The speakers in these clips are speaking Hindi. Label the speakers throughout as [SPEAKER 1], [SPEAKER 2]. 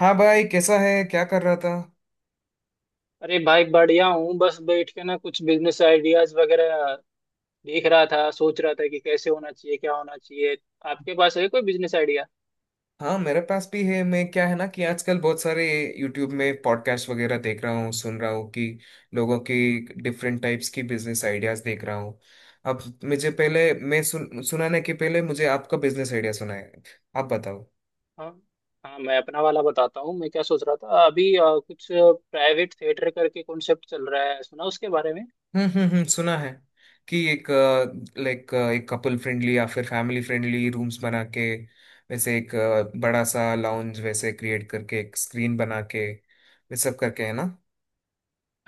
[SPEAKER 1] हाँ भाई, कैसा है? क्या कर रहा था?
[SPEAKER 2] अरे भाई, बढ़िया हूँ। बस बैठ के ना कुछ बिजनेस आइडियाज वगैरह देख रहा था। सोच रहा था कि कैसे होना चाहिए, क्या होना चाहिए। आपके पास है कोई बिजनेस आइडिया?
[SPEAKER 1] हाँ, मेरे पास भी है। मैं, क्या है ना, कि आजकल बहुत सारे यूट्यूब में पॉडकास्ट वगैरह देख रहा हूँ, सुन रहा हूँ कि लोगों की डिफरेंट टाइप्स की बिजनेस आइडियाज देख रहा हूँ। अब मुझे पहले, मैं सुन सुनाने के पहले मुझे आपका बिजनेस आइडिया सुना है, आप बताओ।
[SPEAKER 2] हाँ, हाँ, मैं अपना वाला बताता हूँ। मैं क्या सोच रहा था, अभी कुछ प्राइवेट थिएटर करके कॉन्सेप्ट चल रहा है, सुना उसके बारे में?
[SPEAKER 1] हम्म, हम्म, हम्म, सुना है कि एक, लाइक, एक कपल फ्रेंडली या फिर फैमिली फ्रेंडली रूम्स बना के, वैसे एक बड़ा सा लाउंज वैसे क्रिएट करके, एक स्क्रीन बना के ये सब करके, है ना?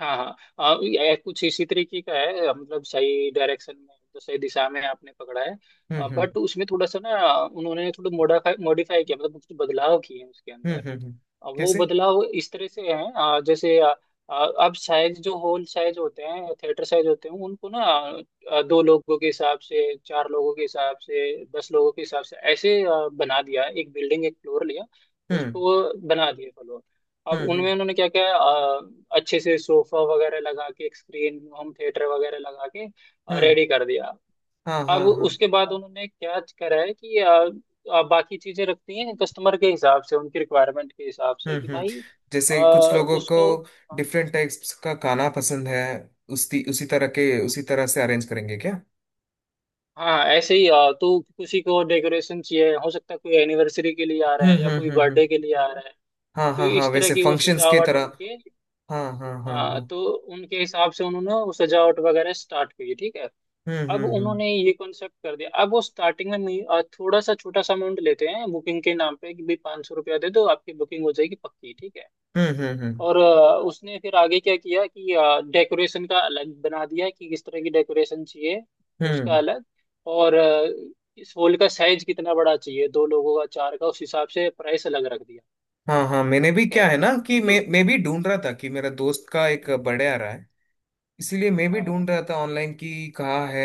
[SPEAKER 2] हाँ, हाँ, ये कुछ इसी तरीके का है। मतलब सही डायरेक्शन में, तो सही दिशा में आपने पकड़ा है।
[SPEAKER 1] हम्म,
[SPEAKER 2] बट उसमें थोड़ा सा ना, उन्होंने थोड़ा मोडिफाई मॉडिफाई किया, मतलब कुछ बदलाव किए हैं उसके
[SPEAKER 1] हम्म,
[SPEAKER 2] अंदर।
[SPEAKER 1] हम्म,
[SPEAKER 2] अब वो
[SPEAKER 1] कैसे?
[SPEAKER 2] बदलाव इस तरह से है, जैसे आ, आ, अब साइज, जो हॉल साइज होते हैं, थिएटर साइज होते हैं, उनको ना। दो लोगों के हिसाब से, चार लोगों के हिसाब से, 10 लोगों के हिसाब से, ऐसे बना दिया। एक बिल्डिंग, एक फ्लोर लिया।
[SPEAKER 1] हम्म,
[SPEAKER 2] उसको बना दिए फ्लोर। अब
[SPEAKER 1] हम्म, हम्म,
[SPEAKER 2] उनमें उन्होंने क्या क्या अच्छे से सोफा वगैरह लगा के, एक स्क्रीन होम थिएटर वगैरह लगा के
[SPEAKER 1] हम्म,
[SPEAKER 2] रेडी कर दिया।
[SPEAKER 1] हाँ,
[SPEAKER 2] अब
[SPEAKER 1] हाँ, हाँ,
[SPEAKER 2] उसके बाद उन्होंने क्या करा है कि आ, आ, बाकी चीजें रखती हैं कस्टमर के हिसाब से, उनकी रिक्वायरमेंट के हिसाब से,
[SPEAKER 1] हम्म,
[SPEAKER 2] कि
[SPEAKER 1] हम्म,
[SPEAKER 2] भाई
[SPEAKER 1] जैसे कुछ लोगों को
[SPEAKER 2] उसको।
[SPEAKER 1] डिफरेंट टाइप्स का खाना पसंद है। उसी उसी तरह के उसी तरह से अरेंज करेंगे क्या?
[SPEAKER 2] हाँ, ऐसे ही। तो किसी को डेकोरेशन चाहिए, हो सकता है कोई एनिवर्सरी के लिए आ रहा
[SPEAKER 1] हम्म,
[SPEAKER 2] है, या
[SPEAKER 1] हम्म,
[SPEAKER 2] कोई
[SPEAKER 1] हम्म, हम्म,
[SPEAKER 2] बर्थडे के लिए आ रहा है।
[SPEAKER 1] हाँ,
[SPEAKER 2] तो
[SPEAKER 1] हाँ, हाँ,
[SPEAKER 2] इस तरह
[SPEAKER 1] वैसे
[SPEAKER 2] की वो
[SPEAKER 1] फंक्शंस की
[SPEAKER 2] सजावट
[SPEAKER 1] तरह।
[SPEAKER 2] उनके।
[SPEAKER 1] हाँ, हाँ, हाँ,
[SPEAKER 2] हाँ,
[SPEAKER 1] हाँ,
[SPEAKER 2] तो उनके हिसाब से उन्होंने वो सजावट वगैरह स्टार्ट की, ठीक है।
[SPEAKER 1] हम्म,
[SPEAKER 2] अब
[SPEAKER 1] हम्म, हम्म,
[SPEAKER 2] उन्होंने ये कॉन्सेप्ट कर दिया। अब वो स्टार्टिंग में थोड़ा सा छोटा सा अमाउंट लेते हैं बुकिंग के नाम पे, कि भाई 500 रुपया दे दो, आपकी बुकिंग हो जाएगी पक्की, ठीक है।
[SPEAKER 1] हम्म, हम्म, हम्म,
[SPEAKER 2] और उसने फिर आगे क्या किया, कि डेकोरेशन का अलग बना दिया कि किस तरह की डेकोरेशन चाहिए,
[SPEAKER 1] हम्म।
[SPEAKER 2] उसका अलग। और इस हॉल का साइज कितना बड़ा चाहिए, दो लोगों का, चार का, उस हिसाब से प्राइस अलग रख दिया।
[SPEAKER 1] हाँ, हाँ, मैंने भी,
[SPEAKER 2] ठीक है।
[SPEAKER 1] क्या है ना, कि
[SPEAKER 2] हाँ, तो।
[SPEAKER 1] मैं भी ढूंढ रहा था कि मेरा दोस्त का एक बर्थडे आ रहा है। इसीलिए मैं भी
[SPEAKER 2] हाँ, हाँ,
[SPEAKER 1] ढूंढ रहा था ऑनलाइन कि कहाँ है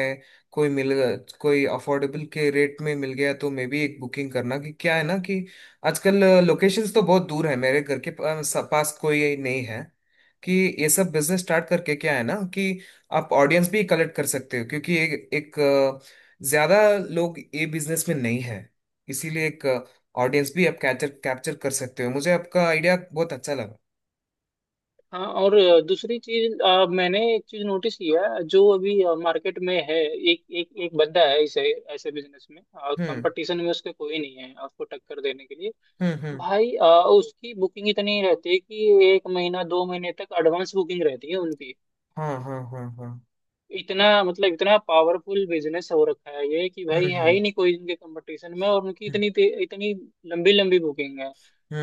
[SPEAKER 1] कोई मिल कोई अफोर्डेबल के रेट में मिल गया तो मैं भी एक बुकिंग करना, कि, क्या है ना कि, आजकल लोकेशंस तो बहुत दूर है, मेरे घर के पास पास कोई नहीं है। कि ये सब बिजनेस स्टार्ट करके, क्या है ना कि, आप ऑडियंस भी कलेक्ट कर सकते हो क्योंकि एक एक अ, ज्यादा लोग ये बिजनेस में नहीं है, इसीलिए एक ऑडियंस भी आप कैप्चर कैप्चर कर सकते हो। मुझे आपका आइडिया बहुत अच्छा लगा।
[SPEAKER 2] हाँ। और दूसरी चीज, मैंने एक चीज नोटिस किया है, जो अभी मार्केट में है। एक एक एक बंदा है इसे, ऐसे बिजनेस में और
[SPEAKER 1] हम्म,
[SPEAKER 2] कंपटीशन में उसके कोई नहीं है आपको टक्कर देने के लिए।
[SPEAKER 1] हम्म, हम्म,
[SPEAKER 2] भाई, उसकी बुकिंग इतनी रहती है कि एक महीना 2 महीने तक एडवांस बुकिंग रहती है उनकी।
[SPEAKER 1] हाँ, हाँ, हाँ, हाँ,
[SPEAKER 2] इतना, मतलब इतना पावरफुल बिजनेस हो रखा है ये कि
[SPEAKER 1] हम्म,
[SPEAKER 2] भाई है
[SPEAKER 1] हम्म,
[SPEAKER 2] ही नहीं कोई इनके कंपटीशन में। और उनकी
[SPEAKER 1] हम्म,
[SPEAKER 2] इतनी लंबी लंबी बुकिंग है।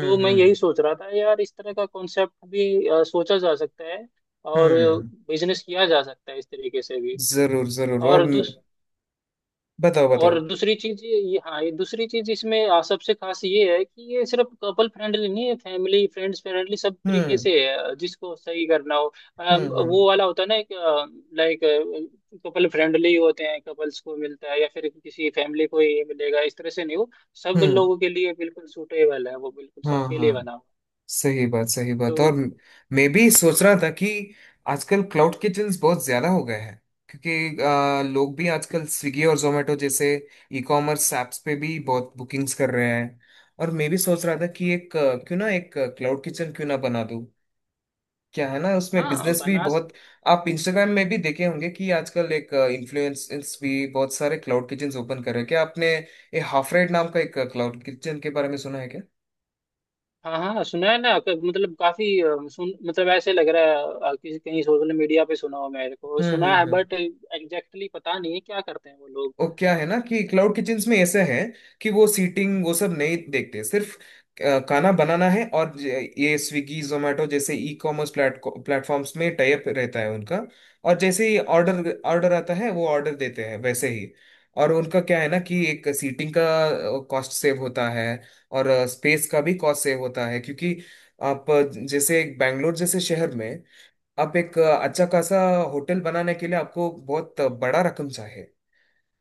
[SPEAKER 2] तो मैं यही सोच रहा था यार, इस तरह का कॉन्सेप्ट भी सोचा जा सकता है और
[SPEAKER 1] हम्म।
[SPEAKER 2] बिजनेस किया जा सकता है इस तरीके से भी।
[SPEAKER 1] जरूर, जरूर। और
[SPEAKER 2] और
[SPEAKER 1] म-
[SPEAKER 2] दूस
[SPEAKER 1] बताओ बताओ।
[SPEAKER 2] और दूसरी चीज, हाँ, ये दूसरी चीज, इसमें सबसे खास ये है कि ये सिर्फ कपल फ्रेंडली नहीं है, फैमिली फ्रेंड्स फ्रेंडली सब तरीके
[SPEAKER 1] हम्म,
[SPEAKER 2] से है, जिसको सही करना हो।
[SPEAKER 1] हम्म, हम्म,
[SPEAKER 2] वो वाला होता है ना एक, लाइक कपल फ्रेंडली होते हैं, कपल्स को मिलता है या फिर किसी फैमिली को ये मिलेगा, इस तरह से नहीं हो। सब
[SPEAKER 1] हम्म,
[SPEAKER 2] लोगों के लिए बिल्कुल सूटेबल है वो, बिल्कुल
[SPEAKER 1] हाँ,
[SPEAKER 2] सबके लिए
[SPEAKER 1] हाँ,
[SPEAKER 2] बना हो।
[SPEAKER 1] सही बात, सही बात।
[SPEAKER 2] तो,
[SPEAKER 1] और म- मैं भी सोच रहा था कि आजकल क्लाउड किचन्स बहुत ज्यादा हो गए हैं, क्योंकि लोग भी आजकल स्विगी और जोमेटो जैसे ई कॉमर्स ऐप्स पे भी बहुत बुकिंग्स कर रहे हैं। और मैं भी सोच रहा था कि एक क्लाउड किचन क्यों ना बना दूं। क्या है ना, उसमें
[SPEAKER 2] हाँ,
[SPEAKER 1] बिजनेस भी
[SPEAKER 2] बना।
[SPEAKER 1] बहुत। आप इंस्टाग्राम में भी देखे होंगे कि आजकल एक इन्फ्लुएंसर्स भी बहुत सारे क्लाउड किचन ओपन कर रहे हैं। क्या आपने ये हाफ रेड नाम का एक क्लाउड किचन के बारे में सुना है क्या?
[SPEAKER 2] हाँ, हाँ, सुना है ना। मतलब काफी, अ, सुन मतलब ऐसे लग रहा है। किसी कहीं सोशल मीडिया पे सुना हो मेरे को,
[SPEAKER 1] हम्म,
[SPEAKER 2] सुना
[SPEAKER 1] हम्म,
[SPEAKER 2] है,
[SPEAKER 1] हम्म।
[SPEAKER 2] बट एग्जैक्टली पता नहीं है क्या करते हैं वो लोग।
[SPEAKER 1] वो क्या है ना कि क्लाउड किचन्स में ऐसा है कि वो सीटिंग वो सब नहीं देखते, सिर्फ खाना बनाना है। और ज- ये स्विगी जोमेटो जैसे ई कॉमर्स प्लेटफॉर्म्स में टाई अप रहता है उनका। और जैसे ही
[SPEAKER 2] अच्छा।
[SPEAKER 1] ऑर्डर ऑर्डर आता है वो ऑर्डर देते हैं, वैसे ही। और उनका क्या है ना, कि एक सीटिंग का कॉस्ट सेव होता है, और स्पेस का भी कॉस्ट सेव होता है। क्योंकि आप जैसे एक बैंगलोर जैसे शहर में आप एक अच्छा खासा होटल बनाने के लिए आपको बहुत बड़ा रकम चाहिए।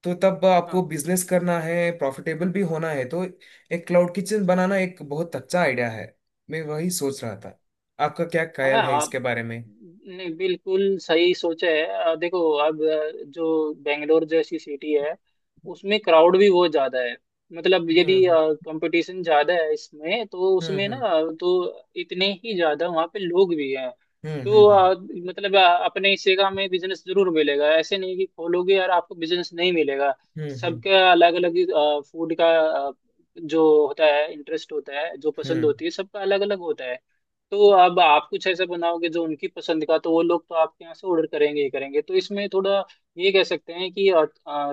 [SPEAKER 1] तो तब
[SPEAKER 2] हाँ,
[SPEAKER 1] आपको बिजनेस करना है, प्रॉफिटेबल भी होना है, तो एक क्लाउड किचन बनाना एक बहुत अच्छा आइडिया है। मैं वही सोच रहा था। आपका क्या
[SPEAKER 2] हाँ।
[SPEAKER 1] ख्याल है
[SPEAKER 2] आप,
[SPEAKER 1] इसके बारे में?
[SPEAKER 2] नहीं, बिल्कुल सही सोचा है। देखो। अब, जो बेंगलोर जैसी सिटी है, उसमें क्राउड भी बहुत ज्यादा है। मतलब यदि
[SPEAKER 1] हम्म,
[SPEAKER 2] कंपटीशन ज्यादा है इसमें, तो
[SPEAKER 1] हम्म,
[SPEAKER 2] उसमें ना।
[SPEAKER 1] हम्म,
[SPEAKER 2] तो इतने ही ज्यादा वहाँ पे लोग भी हैं।
[SPEAKER 1] हम्म,
[SPEAKER 2] तो
[SPEAKER 1] हम्म,
[SPEAKER 2] मतलब अपने हिस्से का हमें बिजनेस जरूर मिलेगा, ऐसे नहीं कि खोलोगे यार, आपको बिजनेस नहीं मिलेगा।
[SPEAKER 1] हम्म,
[SPEAKER 2] सबका अलग अलग फूड का, अ, जो होता है, इंटरेस्ट होता है, जो पसंद
[SPEAKER 1] हम्म,
[SPEAKER 2] होती है, सबका अलग अलग होता है। तो अब आप कुछ ऐसा बनाओगे जो उनकी पसंद का, तो वो लोग तो आपके यहाँ से ऑर्डर करेंगे ही करेंगे। तो इसमें थोड़ा, ये कह सकते हैं कि,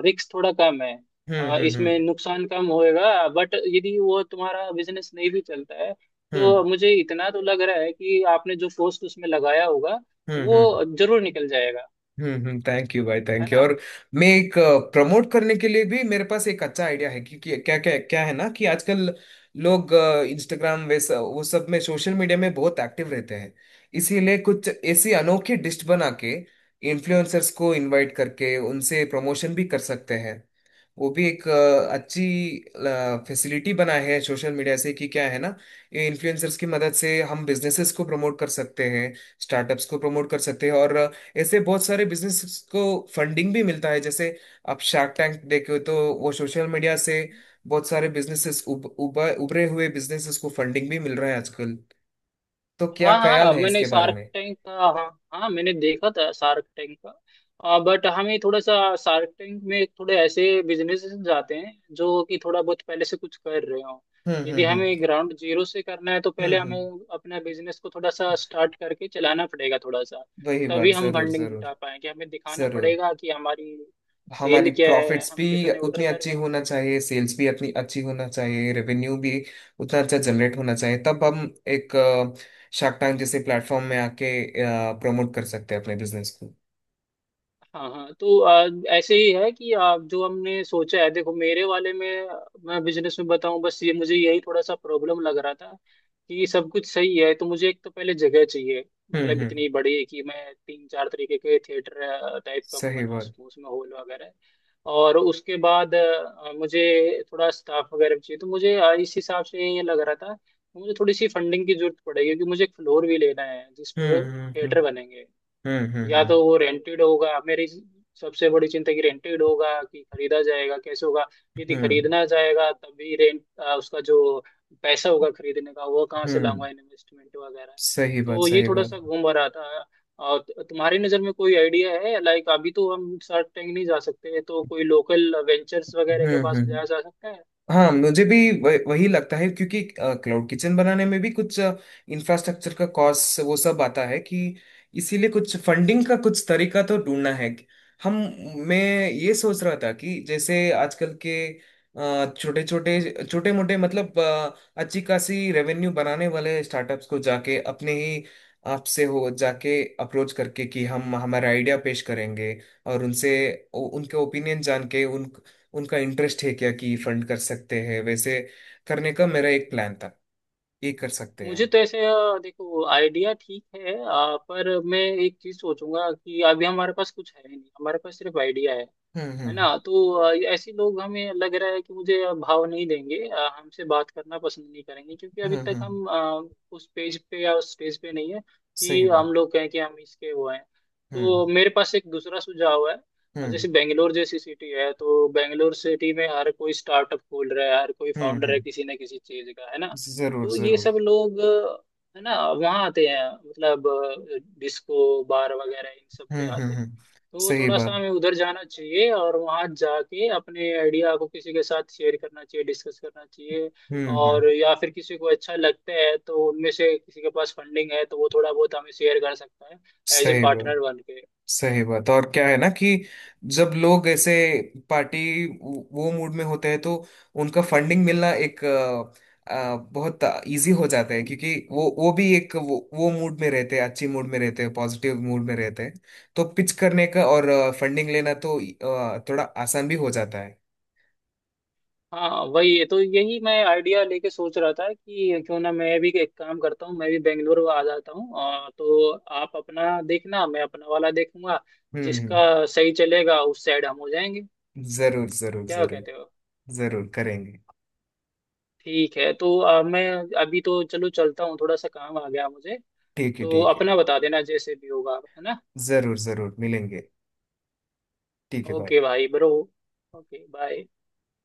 [SPEAKER 2] रिस्क थोड़ा कम है।
[SPEAKER 1] हम्म, हम्म, हम्म,
[SPEAKER 2] इसमें
[SPEAKER 1] हम्म,
[SPEAKER 2] नुकसान कम होएगा, बट यदि वो तुम्हारा बिजनेस नहीं भी चलता है
[SPEAKER 1] हम्म,
[SPEAKER 2] तो मुझे इतना तो लग रहा है कि आपने जो कॉस्ट उसमें लगाया होगा,
[SPEAKER 1] हम्म, हम्म,
[SPEAKER 2] वो जरूर निकल जाएगा,
[SPEAKER 1] हम्म, हम्म, थैंक यू भाई,
[SPEAKER 2] है
[SPEAKER 1] थैंक यू।
[SPEAKER 2] ना।
[SPEAKER 1] और मैं एक प्रमोट करने के लिए भी मेरे पास एक अच्छा आइडिया है, क्योंकि क्या क्या क्या है ना कि आजकल लोग इंस्टाग्राम वैसा वो सब में, सोशल मीडिया में बहुत एक्टिव रहते हैं। इसीलिए कुछ ऐसी अनोखी डिश बना के इन्फ्लुएंसर्स को इनवाइट करके उनसे प्रमोशन भी कर सकते हैं। वो भी एक अच्छी फैसिलिटी बना है सोशल मीडिया से कि, क्या है ना, ये इन्फ्लुएंसर्स की मदद से हम बिजनेसेस को प्रमोट कर सकते हैं, स्टार्टअप्स को प्रमोट कर सकते हैं, और ऐसे बहुत सारे बिजनेसेस को फंडिंग भी मिलता है। जैसे आप शार्क टैंक देखे तो वो सोशल मीडिया से बहुत सारे बिजनेसेस, उभरे हुए बिजनेसेस को फंडिंग भी मिल रहा है आजकल। तो क्या
[SPEAKER 2] हाँ, हाँ,
[SPEAKER 1] ख्याल
[SPEAKER 2] अब
[SPEAKER 1] है
[SPEAKER 2] मैंने
[SPEAKER 1] इसके बारे
[SPEAKER 2] शार्क
[SPEAKER 1] में?
[SPEAKER 2] टैंक का। हाँ, हाँ, मैंने देखा था शार्क टैंक का, बट हमें थोड़ा सा, शार्क टैंक में थोड़े ऐसे बिजनेस जाते हैं जो कि थोड़ा बहुत पहले से कुछ कर रहे हो।
[SPEAKER 1] हम्म,
[SPEAKER 2] यदि
[SPEAKER 1] हम्म, हम्म,
[SPEAKER 2] हमें ग्राउंड जीरो से करना है तो
[SPEAKER 1] हम्म,
[SPEAKER 2] पहले हमें
[SPEAKER 1] हम्म,
[SPEAKER 2] अपना बिजनेस को थोड़ा सा स्टार्ट करके चलाना पड़ेगा, थोड़ा सा।
[SPEAKER 1] वही बात।
[SPEAKER 2] तभी हम
[SPEAKER 1] जरूर,
[SPEAKER 2] फंडिंग
[SPEAKER 1] जरूर,
[SPEAKER 2] जुटा पाएंगे, हमें दिखाना
[SPEAKER 1] जरूर।
[SPEAKER 2] पड़ेगा कि हमारी सेल
[SPEAKER 1] हमारी
[SPEAKER 2] क्या है,
[SPEAKER 1] प्रॉफिट्स
[SPEAKER 2] हम
[SPEAKER 1] भी
[SPEAKER 2] कितने ऑर्डर
[SPEAKER 1] उतनी
[SPEAKER 2] कर।
[SPEAKER 1] अच्छी होना चाहिए, सेल्स भी अपनी अच्छी होना चाहिए, रेवेन्यू भी उतना अच्छा जनरेट होना चाहिए, तब हम एक शार्क टैंक जैसे प्लेटफॉर्म में आके प्रमोट कर सकते हैं अपने बिजनेस को।
[SPEAKER 2] हाँ, हाँ, तो ऐसे ही है कि आप, जो हमने सोचा है, देखो मेरे वाले में, मैं बिजनेस में बताऊं, बस ये मुझे यही थोड़ा सा प्रॉब्लम लग रहा था। कि सब कुछ सही है तो मुझे एक तो पहले जगह चाहिए,
[SPEAKER 1] हम्म,
[SPEAKER 2] मतलब
[SPEAKER 1] हम्म,
[SPEAKER 2] इतनी बड़ी कि मैं तीन चार तरीके के थिएटर टाइप का मैं
[SPEAKER 1] सही
[SPEAKER 2] बना
[SPEAKER 1] बात।
[SPEAKER 2] सकूं उसमें, हॉल वगैरह। और उसके बाद मुझे थोड़ा स्टाफ वगैरह भी चाहिए। तो मुझे, इस हिसाब से ये लग रहा था। मुझे थोड़ी सी फंडिंग की जरूरत पड़ेगी, क्योंकि मुझे एक फ्लोर भी लेना है जिस
[SPEAKER 1] हम्म,
[SPEAKER 2] पे
[SPEAKER 1] हम्म,
[SPEAKER 2] थिएटर बनेंगे।
[SPEAKER 1] हम्म, हम्म,
[SPEAKER 2] या
[SPEAKER 1] हम्म,
[SPEAKER 2] तो वो रेंटेड होगा, मेरी सबसे बड़ी चिंता कि रेंटेड होगा कि खरीदा जाएगा, कैसे होगा। यदि
[SPEAKER 1] हम्म,
[SPEAKER 2] खरीदना जाएगा तभी रेंट। उसका जो पैसा होगा खरीदने का, वो कहाँ
[SPEAKER 1] हम्म,
[SPEAKER 2] से
[SPEAKER 1] हम्म,
[SPEAKER 2] लाऊंगा, इन्वेस्टमेंट वगैरह।
[SPEAKER 1] सही बात,
[SPEAKER 2] तो ये
[SPEAKER 1] सही
[SPEAKER 2] थोड़ा सा
[SPEAKER 1] बात।
[SPEAKER 2] घूम रहा था। और तुम्हारी नज़र में कोई आइडिया है? लाइक अभी तो हम शार्क टैंक नहीं जा सकते, तो कोई लोकल वेंचर्स
[SPEAKER 1] हम्म,
[SPEAKER 2] वगैरह के
[SPEAKER 1] हम्म,
[SPEAKER 2] पास जाया जा सकता है?
[SPEAKER 1] हाँ, मुझे भी वही लगता है क्योंकि क्लाउड किचन बनाने में भी कुछ इंफ्रास्ट्रक्चर का कॉस्ट वो सब आता है, कि इसीलिए कुछ फंडिंग का कुछ तरीका तो ढूंढना है। हम मैं ये सोच रहा था कि जैसे आजकल के छोटे छोटे छोटे मोटे, मतलब अच्छी खासी रेवेन्यू बनाने वाले स्टार्टअप्स को जाके, अपने ही आपसे हो जाके अप्रोच करके कि हम हमारा आइडिया पेश करेंगे। और उनसे उनके ओपिनियन जान के, उनका इंटरेस्ट है क्या कि फंड कर सकते हैं, वैसे करने का मेरा एक प्लान था, ये कर सकते हैं
[SPEAKER 2] मुझे
[SPEAKER 1] हम।
[SPEAKER 2] तो ऐसे, देखो, आइडिया ठीक है, पर मैं एक चीज सोचूंगा कि अभी हमारे पास कुछ है नहीं, हमारे पास सिर्फ आइडिया है
[SPEAKER 1] हम्म,
[SPEAKER 2] है
[SPEAKER 1] हम्म,
[SPEAKER 2] ना। तो ऐसे लोग, हमें लग रहा है कि मुझे भाव नहीं देंगे, हमसे बात करना पसंद नहीं करेंगे, क्योंकि अभी
[SPEAKER 1] हम्म,
[SPEAKER 2] तक
[SPEAKER 1] हम्म,
[SPEAKER 2] हम उस पेज पे या उस स्टेज पे नहीं है
[SPEAKER 1] सही
[SPEAKER 2] कि हम
[SPEAKER 1] बात।
[SPEAKER 2] लोग कहें कि हम इसके वो हैं।
[SPEAKER 1] हम्म,
[SPEAKER 2] तो मेरे पास एक दूसरा सुझाव है।
[SPEAKER 1] हम्म,
[SPEAKER 2] जैसे बेंगलोर जैसी सिटी है, तो बेंगलोर सिटी में हर कोई स्टार्टअप खोल रहा है, हर कोई
[SPEAKER 1] हम्म,
[SPEAKER 2] फाउंडर है
[SPEAKER 1] हम्म,
[SPEAKER 2] किसी न किसी चीज का, है ना।
[SPEAKER 1] जरूर,
[SPEAKER 2] तो ये
[SPEAKER 1] जरूर।
[SPEAKER 2] सब लोग, है ना, वहाँ आते हैं, मतलब डिस्को बार वगैरह इन सब पे
[SPEAKER 1] हम्म, हम्म,
[SPEAKER 2] आते हैं।
[SPEAKER 1] हम्म,
[SPEAKER 2] तो
[SPEAKER 1] सही
[SPEAKER 2] थोड़ा सा
[SPEAKER 1] बात।
[SPEAKER 2] हमें उधर जाना चाहिए, और वहाँ जाके अपने आइडिया को किसी के साथ शेयर करना चाहिए, डिस्कस करना चाहिए।
[SPEAKER 1] हम्म, हम्म,
[SPEAKER 2] और या फिर किसी को अच्छा लगता है तो उनमें से किसी के पास फंडिंग है, तो वो थोड़ा बहुत हमें शेयर कर सकता है, एज ए
[SPEAKER 1] सही बात,
[SPEAKER 2] पार्टनर बन के।
[SPEAKER 1] सही बात। और क्या है ना कि जब लोग ऐसे पार्टी वो मूड में होते हैं, तो उनका फंडिंग मिलना एक बहुत इजी हो जाता है क्योंकि वो भी एक वो मूड में रहते हैं, अच्छी मूड में रहते हैं, पॉजिटिव मूड में रहते हैं। तो पिच करने का और फंडिंग लेना तो थोड़ा आसान भी हो जाता है।
[SPEAKER 2] हाँ, वही है, तो यही मैं आइडिया लेके सोच रहा था कि क्यों ना मैं भी एक काम करता हूँ, मैं भी बेंगलुरु आ जाता हूँ, और तो आप अपना देखना, मैं अपना वाला देखूंगा।
[SPEAKER 1] हम्म,
[SPEAKER 2] जिसका सही चलेगा उस साइड हम हो जाएंगे।
[SPEAKER 1] जरूर, जरूर,
[SPEAKER 2] क्या
[SPEAKER 1] जरूर।
[SPEAKER 2] कहते हो?
[SPEAKER 1] जरूर करेंगे।
[SPEAKER 2] ठीक है। तो मैं अभी तो, चलो, चलता हूँ, थोड़ा सा काम आ गया मुझे।
[SPEAKER 1] ठीक है,
[SPEAKER 2] तो
[SPEAKER 1] ठीक है।
[SPEAKER 2] अपना बता देना जैसे भी होगा, है ना।
[SPEAKER 1] जरूर, जरूर मिलेंगे। ठीक है भाई।
[SPEAKER 2] ओके भाई ब्रो। Okay bye.